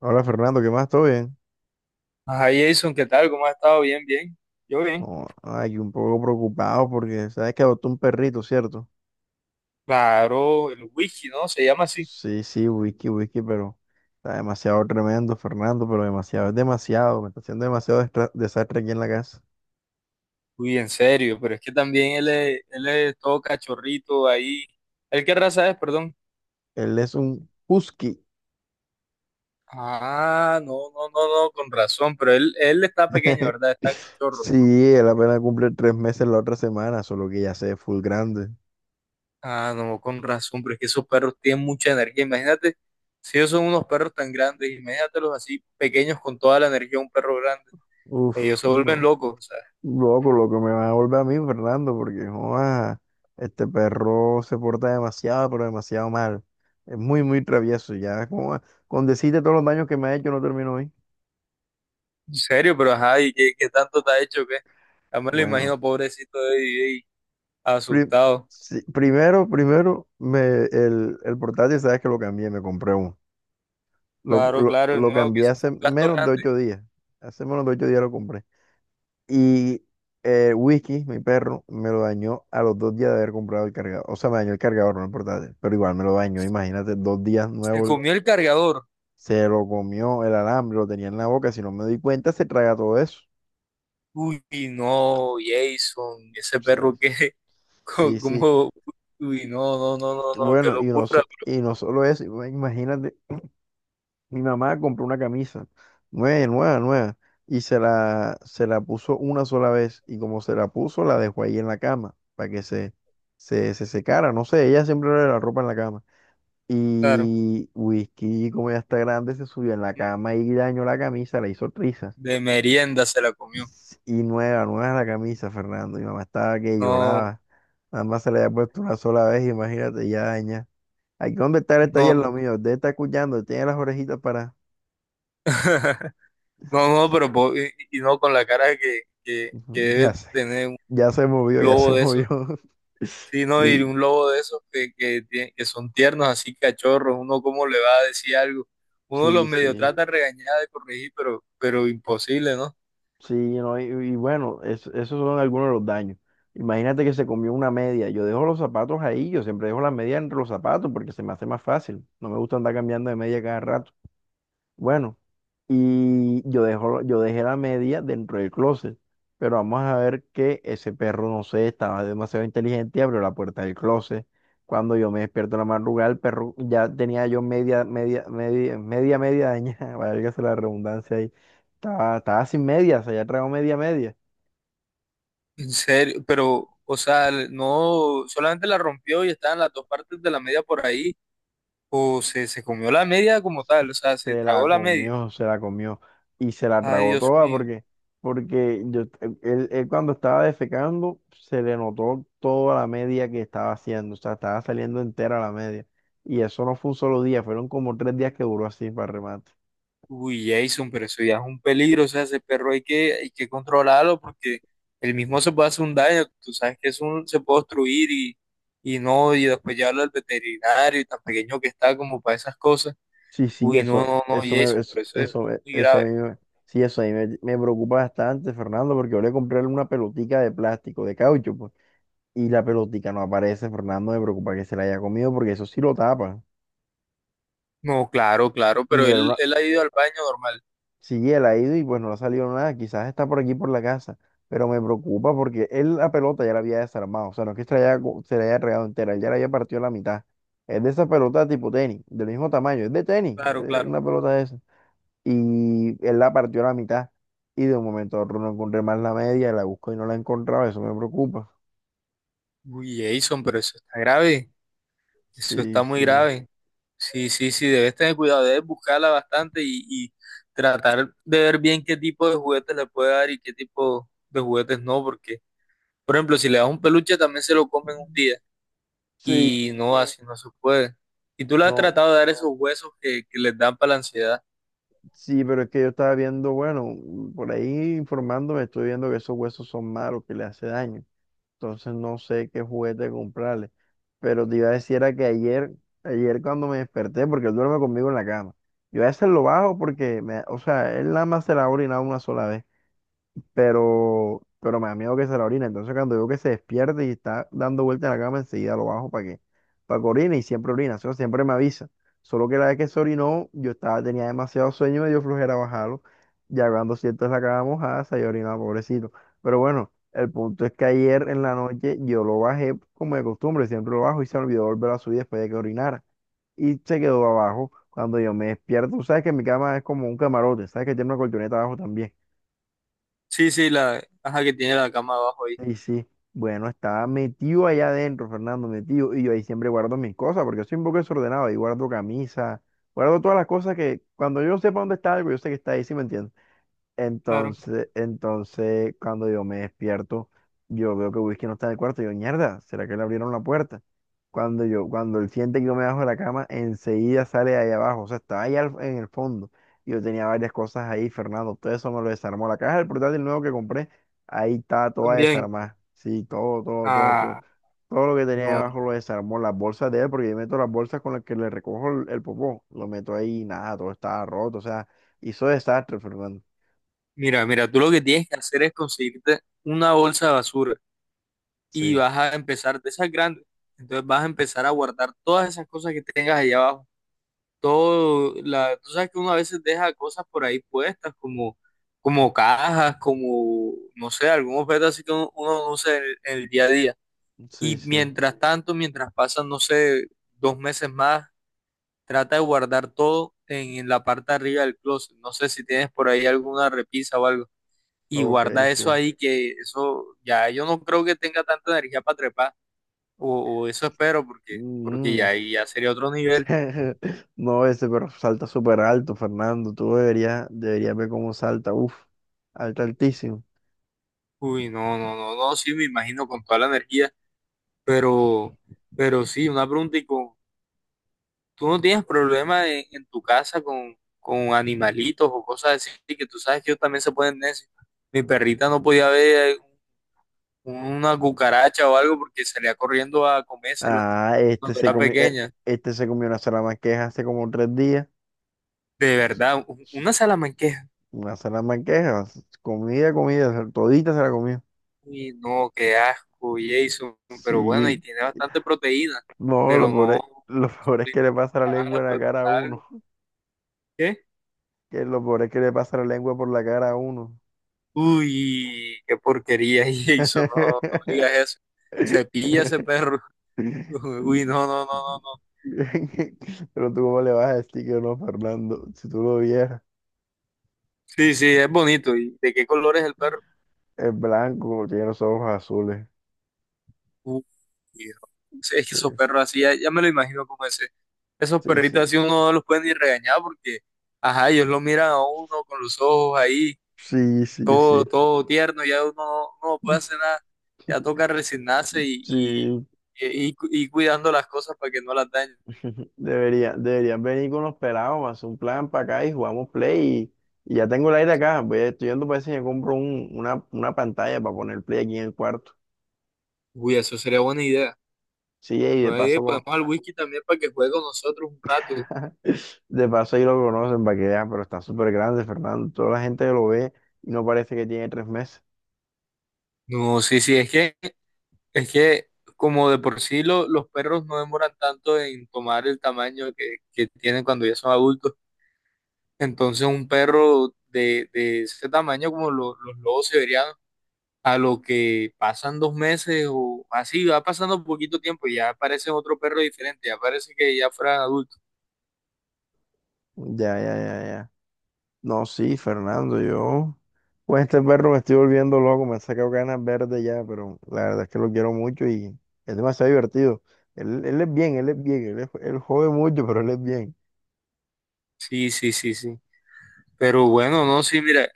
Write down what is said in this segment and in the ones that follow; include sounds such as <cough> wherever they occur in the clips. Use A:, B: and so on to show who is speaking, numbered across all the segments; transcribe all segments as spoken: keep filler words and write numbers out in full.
A: Hola Fernando, ¿qué más? ¿Todo bien?
B: Ajá, Jason, ¿qué tal? ¿Cómo has estado? Bien, bien. Yo bien.
A: Oh, ay, un poco preocupado porque sabes que adoptó un perrito, ¿cierto?
B: Claro, el Whisky, ¿no? Se llama así.
A: Sí, sí, whisky, whisky, pero está demasiado tremendo, Fernando, pero demasiado, es demasiado, me está haciendo demasiado destra- desastre aquí en la casa.
B: Uy, en serio, pero es que también él es, él es todo cachorrito ahí. ¿Él qué raza es, perdón?
A: Él es un husky.
B: Ah, no, no, no, no, con razón, pero él, él está pequeño,
A: <laughs>
B: ¿verdad? Está cachorro.
A: Sí, él apenas cumple tres meses la otra semana, solo que ya se ve full grande.
B: Ah, no, con razón, pero es que esos perros tienen mucha energía. Imagínate, si ellos son unos perros tan grandes, imagínatelos así, pequeños con toda la energía de un perro grande. Ellos
A: Uf,
B: se vuelven
A: no.
B: locos, o sea.
A: Loco, lo que me va a volver a mí, Fernando, porque joa, este perro se porta demasiado, pero demasiado mal. Es muy, muy travieso. Ya, joa, con decirte todos los daños que me ha hecho, no termino hoy.
B: En serio, pero ajá, ¿y qué, qué tanto te ha hecho que? Ya me lo
A: Bueno,
B: imagino, pobrecito de D J,
A: pri-
B: asustado.
A: sí, primero, primero, me, el, el portátil, sabes que lo cambié, me compré uno. Lo,
B: Claro,
A: lo,
B: claro,
A: lo
B: no, que
A: cambié
B: eso
A: hace
B: fue un gasto
A: menos de
B: grande.
A: ocho días. Hace menos de ocho días lo compré. Y el Whisky, mi perro, me lo dañó a los dos días de haber comprado el cargador. O sea, me dañó el cargador, no el portátil, pero igual me lo dañó. Imagínate, dos días
B: Se
A: nuevo, el-
B: comió el cargador.
A: se lo comió el alambre, lo tenía en la boca. Si no me doy cuenta, se traga todo eso.
B: Uy, no, Jason, ese
A: Sí,
B: perro que, <laughs> co-
A: sí, sí.
B: como, uy, no, no, no, no, no, qué
A: Bueno, y no,
B: locura.
A: so- y no solo eso, ima- imagínate, mi mamá compró una camisa, nueva, nueva, nueva, y se la, se la puso una sola vez. Y como se la puso, la dejó ahí en la cama para que se, se, se secara. No sé, ella siempre le la ropa en la cama.
B: Claro,
A: Y Whisky, como ya está grande, se subió en la cama y dañó la camisa, le hizo trizas.
B: de merienda se la comió.
A: Y nueva, nueva la camisa, Fernando. Mi mamá estaba que
B: No,
A: lloraba. Mamá se le había puesto una sola vez, imagínate, ya daña. Aquí donde está el taller lo
B: no,
A: mío, debe estar escuchando, tiene las orejitas para.
B: <laughs> no, no, pero po- y, y no con la cara que, que, que
A: Ujú, ya
B: debe
A: sé,
B: tener un
A: ya se movió, ya se
B: lobo de eso.
A: movió.
B: Sí,
A: <laughs>
B: no, y
A: Sí,
B: un lobo de esos que, que, tie- que son tiernos, así cachorros, uno cómo le va a decir algo. Uno los
A: sí,
B: medio
A: sí.
B: trata de regañar, de corregir, pero, pero imposible, ¿no?
A: Sí, no, y, y bueno, es- esos son algunos de los daños. Imagínate que se comió una media. Yo dejo los zapatos ahí, yo siempre dejo la media entre los zapatos porque se me hace más fácil. No me gusta andar cambiando de media cada rato. Bueno, y yo dejo, yo dejé la media dentro del closet, pero vamos a ver que ese perro, no sé, estaba demasiado inteligente y abrió la puerta del closet. Cuando yo me despierto en la madrugada, el perro ya tenía yo media, media, media, media, media dañada, <laughs> válgase la redundancia ahí. Estaba, estaba sin media, o sea, ya traigo media, media.
B: <laughs> En serio, pero, o sea, no, solamente la rompió y estaban las dos partes de la media por ahí, o se, se comió la media como tal, o sea, se
A: Se la
B: tragó la media.
A: comió, se la comió y se la
B: Ay,
A: tragó
B: Dios
A: toda
B: mío.
A: porque, porque yo, él, él cuando estaba defecando se le notó toda la media que estaba haciendo, o sea, estaba saliendo entera la media. Y eso no fue un solo día, fueron como tres días que duró así para remate.
B: Uy, Jason, pero eso ya es un peligro, o sea, ese perro hay que, hay que controlarlo porque el mismo se puede hacer un daño, tú sabes que es un, se puede obstruir y, y no, y después llevarlo al veterinario y tan pequeño que está como para esas cosas.
A: Sí, sí,
B: Uy, no,
A: eso,
B: no, no,
A: eso me,
B: Jason,
A: eso,
B: pero eso es
A: eso, me-
B: muy
A: eso
B: grave.
A: me, sí, eso a mí me, me preocupa bastante, Fernando, porque yo le compré una pelotica de plástico, de caucho, pues, y la pelotica no aparece, Fernando, me preocupa que se la haya comido porque eso sí lo tapa.
B: No, claro, claro,
A: Y
B: pero
A: no era
B: él,
A: una
B: él ha ido al baño normal,
A: Sí, él ha ido y pues no le ha salido nada. Quizás está por aquí por la casa, pero me preocupa porque él la pelota ya la había desarmado. O sea, no es que se la haya, co- se la haya regado entera, él ya la había partido a la mitad. Es de esa pelota tipo tenis, del mismo tamaño, es de tenis,
B: claro,
A: es
B: claro.
A: una pelota de esa. Y él la partió a la mitad y de un momento a otro no encontré más la media, la busco y no la he encontrado, eso me preocupa.
B: Uy, Jason, pero eso está grave, eso está
A: Sí,
B: muy
A: sí.
B: grave. Sí, sí, sí, debes tener cuidado, debes buscarla bastante y, y tratar de ver bien qué tipo de juguetes le puede dar y qué tipo de juguetes no, porque, por ejemplo, si le das un peluche también se lo comen un día
A: Sí,
B: y no, sí, así no se puede. Y tú le has
A: no,
B: tratado de dar esos huesos que, que les dan para la ansiedad.
A: sí, pero es que yo estaba viendo, bueno, por ahí informándome, estoy viendo que esos huesos son malos, que le hace daño. Entonces no sé qué juguete comprarle. Pero te iba a decir era que ayer, ayer cuando me desperté, porque él duerme conmigo en la cama, yo a veces lo bajo porque, me, o sea, él nada más se la ha orinado una sola vez pero, pero me da miedo que se la orine. Entonces cuando veo que se despierte y está dando vuelta en la cama, enseguida lo bajo para que, para que orine y siempre orina, eso siempre me avisa. Solo que la vez que se orinó, yo estaba, tenía demasiado sueño, me dio flojera bajarlo. Ya cuando siento la cama mojada, se había orinado, pobrecito. Pero bueno, el punto es que ayer en la
B: Uy,
A: noche yo lo bajé como de costumbre, siempre lo bajo y se me olvidó volver a subir después de que orinara. Y se quedó abajo. Cuando yo me despierto, tú sabes que mi cama es como un camarote, sabes que tiene una colchoneta abajo también.
B: sí, sí, la caja que tiene la cama abajo ahí.
A: Y sí, bueno, estaba metido allá adentro, Fernando, metido. Y yo ahí siempre guardo mis cosas, porque soy un poco desordenado. Ahí guardo camisa, guardo todas las cosas que cuando yo sepa dónde está algo, yo sé que está ahí, ¿sí me entiendes?
B: Claro.
A: Entonces, entonces, cuando yo me despierto, yo veo que Whisky no está en el cuarto. Yo, mierda, ¿será que le abrieron la puerta? Cuando yo, cuando él siente que yo me bajo de la cama, enseguida sale de ahí abajo. O sea, estaba ahí al- en el fondo. Yo tenía varias cosas ahí, Fernando. Todo eso me lo desarmó. La caja del portátil nuevo que compré, ahí está toda
B: También.
A: desarmada. Sí, todo, todo, todo, todo.
B: Ah,
A: Todo lo que tenía ahí
B: no.
A: abajo lo desarmó. Las bolsas de él, porque yo meto las bolsas con las que le recojo el, el popó. Lo meto ahí y nada, todo estaba roto. O sea, hizo desastre, Fernando.
B: Mira, mira, tú lo que tienes que hacer es conseguirte una bolsa de basura y
A: Sí,
B: vas a empezar de esas grandes. Entonces vas a empezar a guardar todas esas cosas que tengas allá abajo. Todo, la, tú sabes que uno a veces deja cosas por ahí puestas, como, como cajas, como, no sé, algún objeto así que uno, uno no usa en el, en el día a día.
A: sí,
B: Y
A: sí.
B: mientras tanto, mientras pasan, no sé, dos meses más, trata de guardar todo en, en la parte de arriba del closet. No sé si tienes por ahí alguna repisa o algo. Y
A: Ok,
B: guarda eso
A: sí.
B: ahí, que eso ya yo no creo que tenga tanta energía para trepar. O, o eso espero, porque, porque
A: Mm.
B: ya ahí ya sería otro nivel.
A: <laughs> No, ese pero salta súper alto, Fernando. Tú deberías, deberías ver cómo salta. Uf, alta altísimo.
B: Uy, no, no, no, no, sí, me imagino con toda la energía, pero, pero sí, una pregunta, y con, ¿tú no tienes problema en, en tu casa con, con animalitos o cosas así? Que tú sabes que ellos también se pueden necios. Mi perrita no podía ver una cucaracha o algo porque salía corriendo a comérsela
A: Ah, este
B: cuando
A: se
B: era
A: comió, eh,
B: pequeña.
A: este se comió una salamanqueja hace como tres días.
B: De verdad, u- una salamanquesa.
A: Una salamanqueja, comida, comida, todita se la comió.
B: Uy, no, qué asco, Jason, pero bueno, y
A: Sí,
B: tiene bastante proteína,
A: no, lo
B: pero no,
A: pobre, lo pobre es que le pasa la lengua
B: cara,
A: en la
B: puede
A: cara a
B: pesar, algo.
A: uno.
B: ¿Qué?
A: Que lo pobre es que le pasa la lengua por la cara a uno.
B: Uy, qué porquería, <laughs> Jason, no, no digas
A: <laughs>
B: eso, se pilla ese perro,
A: <laughs>
B: <laughs> uy, no, no, no, no, no,
A: Pero tú cómo le vas a decir que no, Fernando, si tú lo vieras,
B: sí, sí, es bonito. ¿Y de qué color es el perro?
A: es blanco, tiene los ojos azules.
B: Uy, no. Sí, es que
A: Sí,
B: esos perros así, ya, ya me lo imagino como ese, esos perritos
A: sí,
B: así uno no los puede ni regañar porque, ajá, ellos lo miran a uno con los ojos ahí
A: sí, sí, sí.
B: todo,
A: Sí,
B: todo tierno, ya uno, no no puede hacer nada, ya toca resignarse y, y,
A: sí.
B: y, y cu- y cuidando las cosas para que no las dañen.
A: <laughs> debería, deberían venir con los pelados, hacer un plan para acá y jugamos play. Y, y ya tengo el aire acá, voy, estoy yendo para ver si me compro un- una, una pantalla para poner play aquí en el cuarto.
B: Uy, eso sería buena idea.
A: Sí, y de
B: Buena idea,
A: paso con,
B: podemos al Whisky también para que juegue con nosotros un rato.
A: De paso ahí lo conocen para que vean, pero está súper grande, Fernando. Toda la gente lo ve y no parece que tiene tres meses.
B: No, sí, sí, es que, es que como de por sí lo- los perros no demoran tanto en tomar el tamaño que, que tienen cuando ya son adultos. Entonces un perro de, de ese tamaño como lo- los lobos siberianos a lo que pasan dos meses o así, va pasando poquito tiempo y ya aparece otro perro diferente, ya parece que ya fueran adultos.
A: Ya, ya, ya, ya. No, sí, Fernando, yo. Pues este perro me estoy volviendo loco, me saca ganas verdes ya, pero la verdad es que lo quiero mucho y es demasiado divertido. Él, él es bien, él es bien, él, es- él jode mucho, pero él es bien.
B: Sí, sí, sí, sí. Pero bueno, no, sí, mira,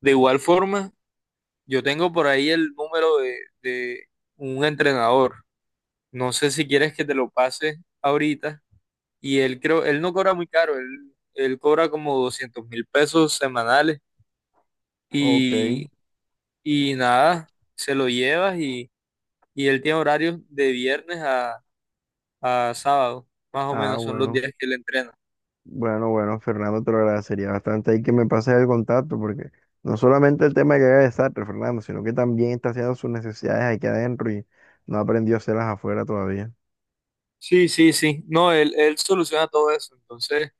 B: de igual forma, yo tengo por ahí el número de, de un entrenador. No sé si quieres que te lo pase ahorita. Y él creo, él no cobra muy caro, él, él cobra como doscientos mil pesos semanales.
A: Ok,
B: Y, y nada, se lo llevas y, y él tiene horarios de viernes a, a sábado, más o
A: ah,
B: menos son los
A: bueno.
B: días que él entrena.
A: Bueno, bueno, Fernando, te lo agradecería bastante ahí que me pases el contacto, porque no solamente el tema de que haga desastre, Fernando, sino que también está haciendo sus necesidades aquí adentro y no aprendió a hacerlas afuera todavía.
B: Sí, sí, sí. No, él, él soluciona todo eso. Entonces,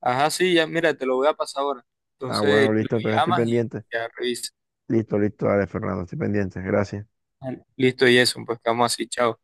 B: ajá, sí, ya, mira, te lo voy a pasar ahora.
A: Ah,
B: Entonces,
A: bueno,
B: lo
A: listo, entonces estoy
B: llamas y
A: pendiente.
B: ya revisas.
A: Listo, listo, dale, Fernando, estoy pendiente. Gracias.
B: Listo, y eso, pues quedamos así, chao.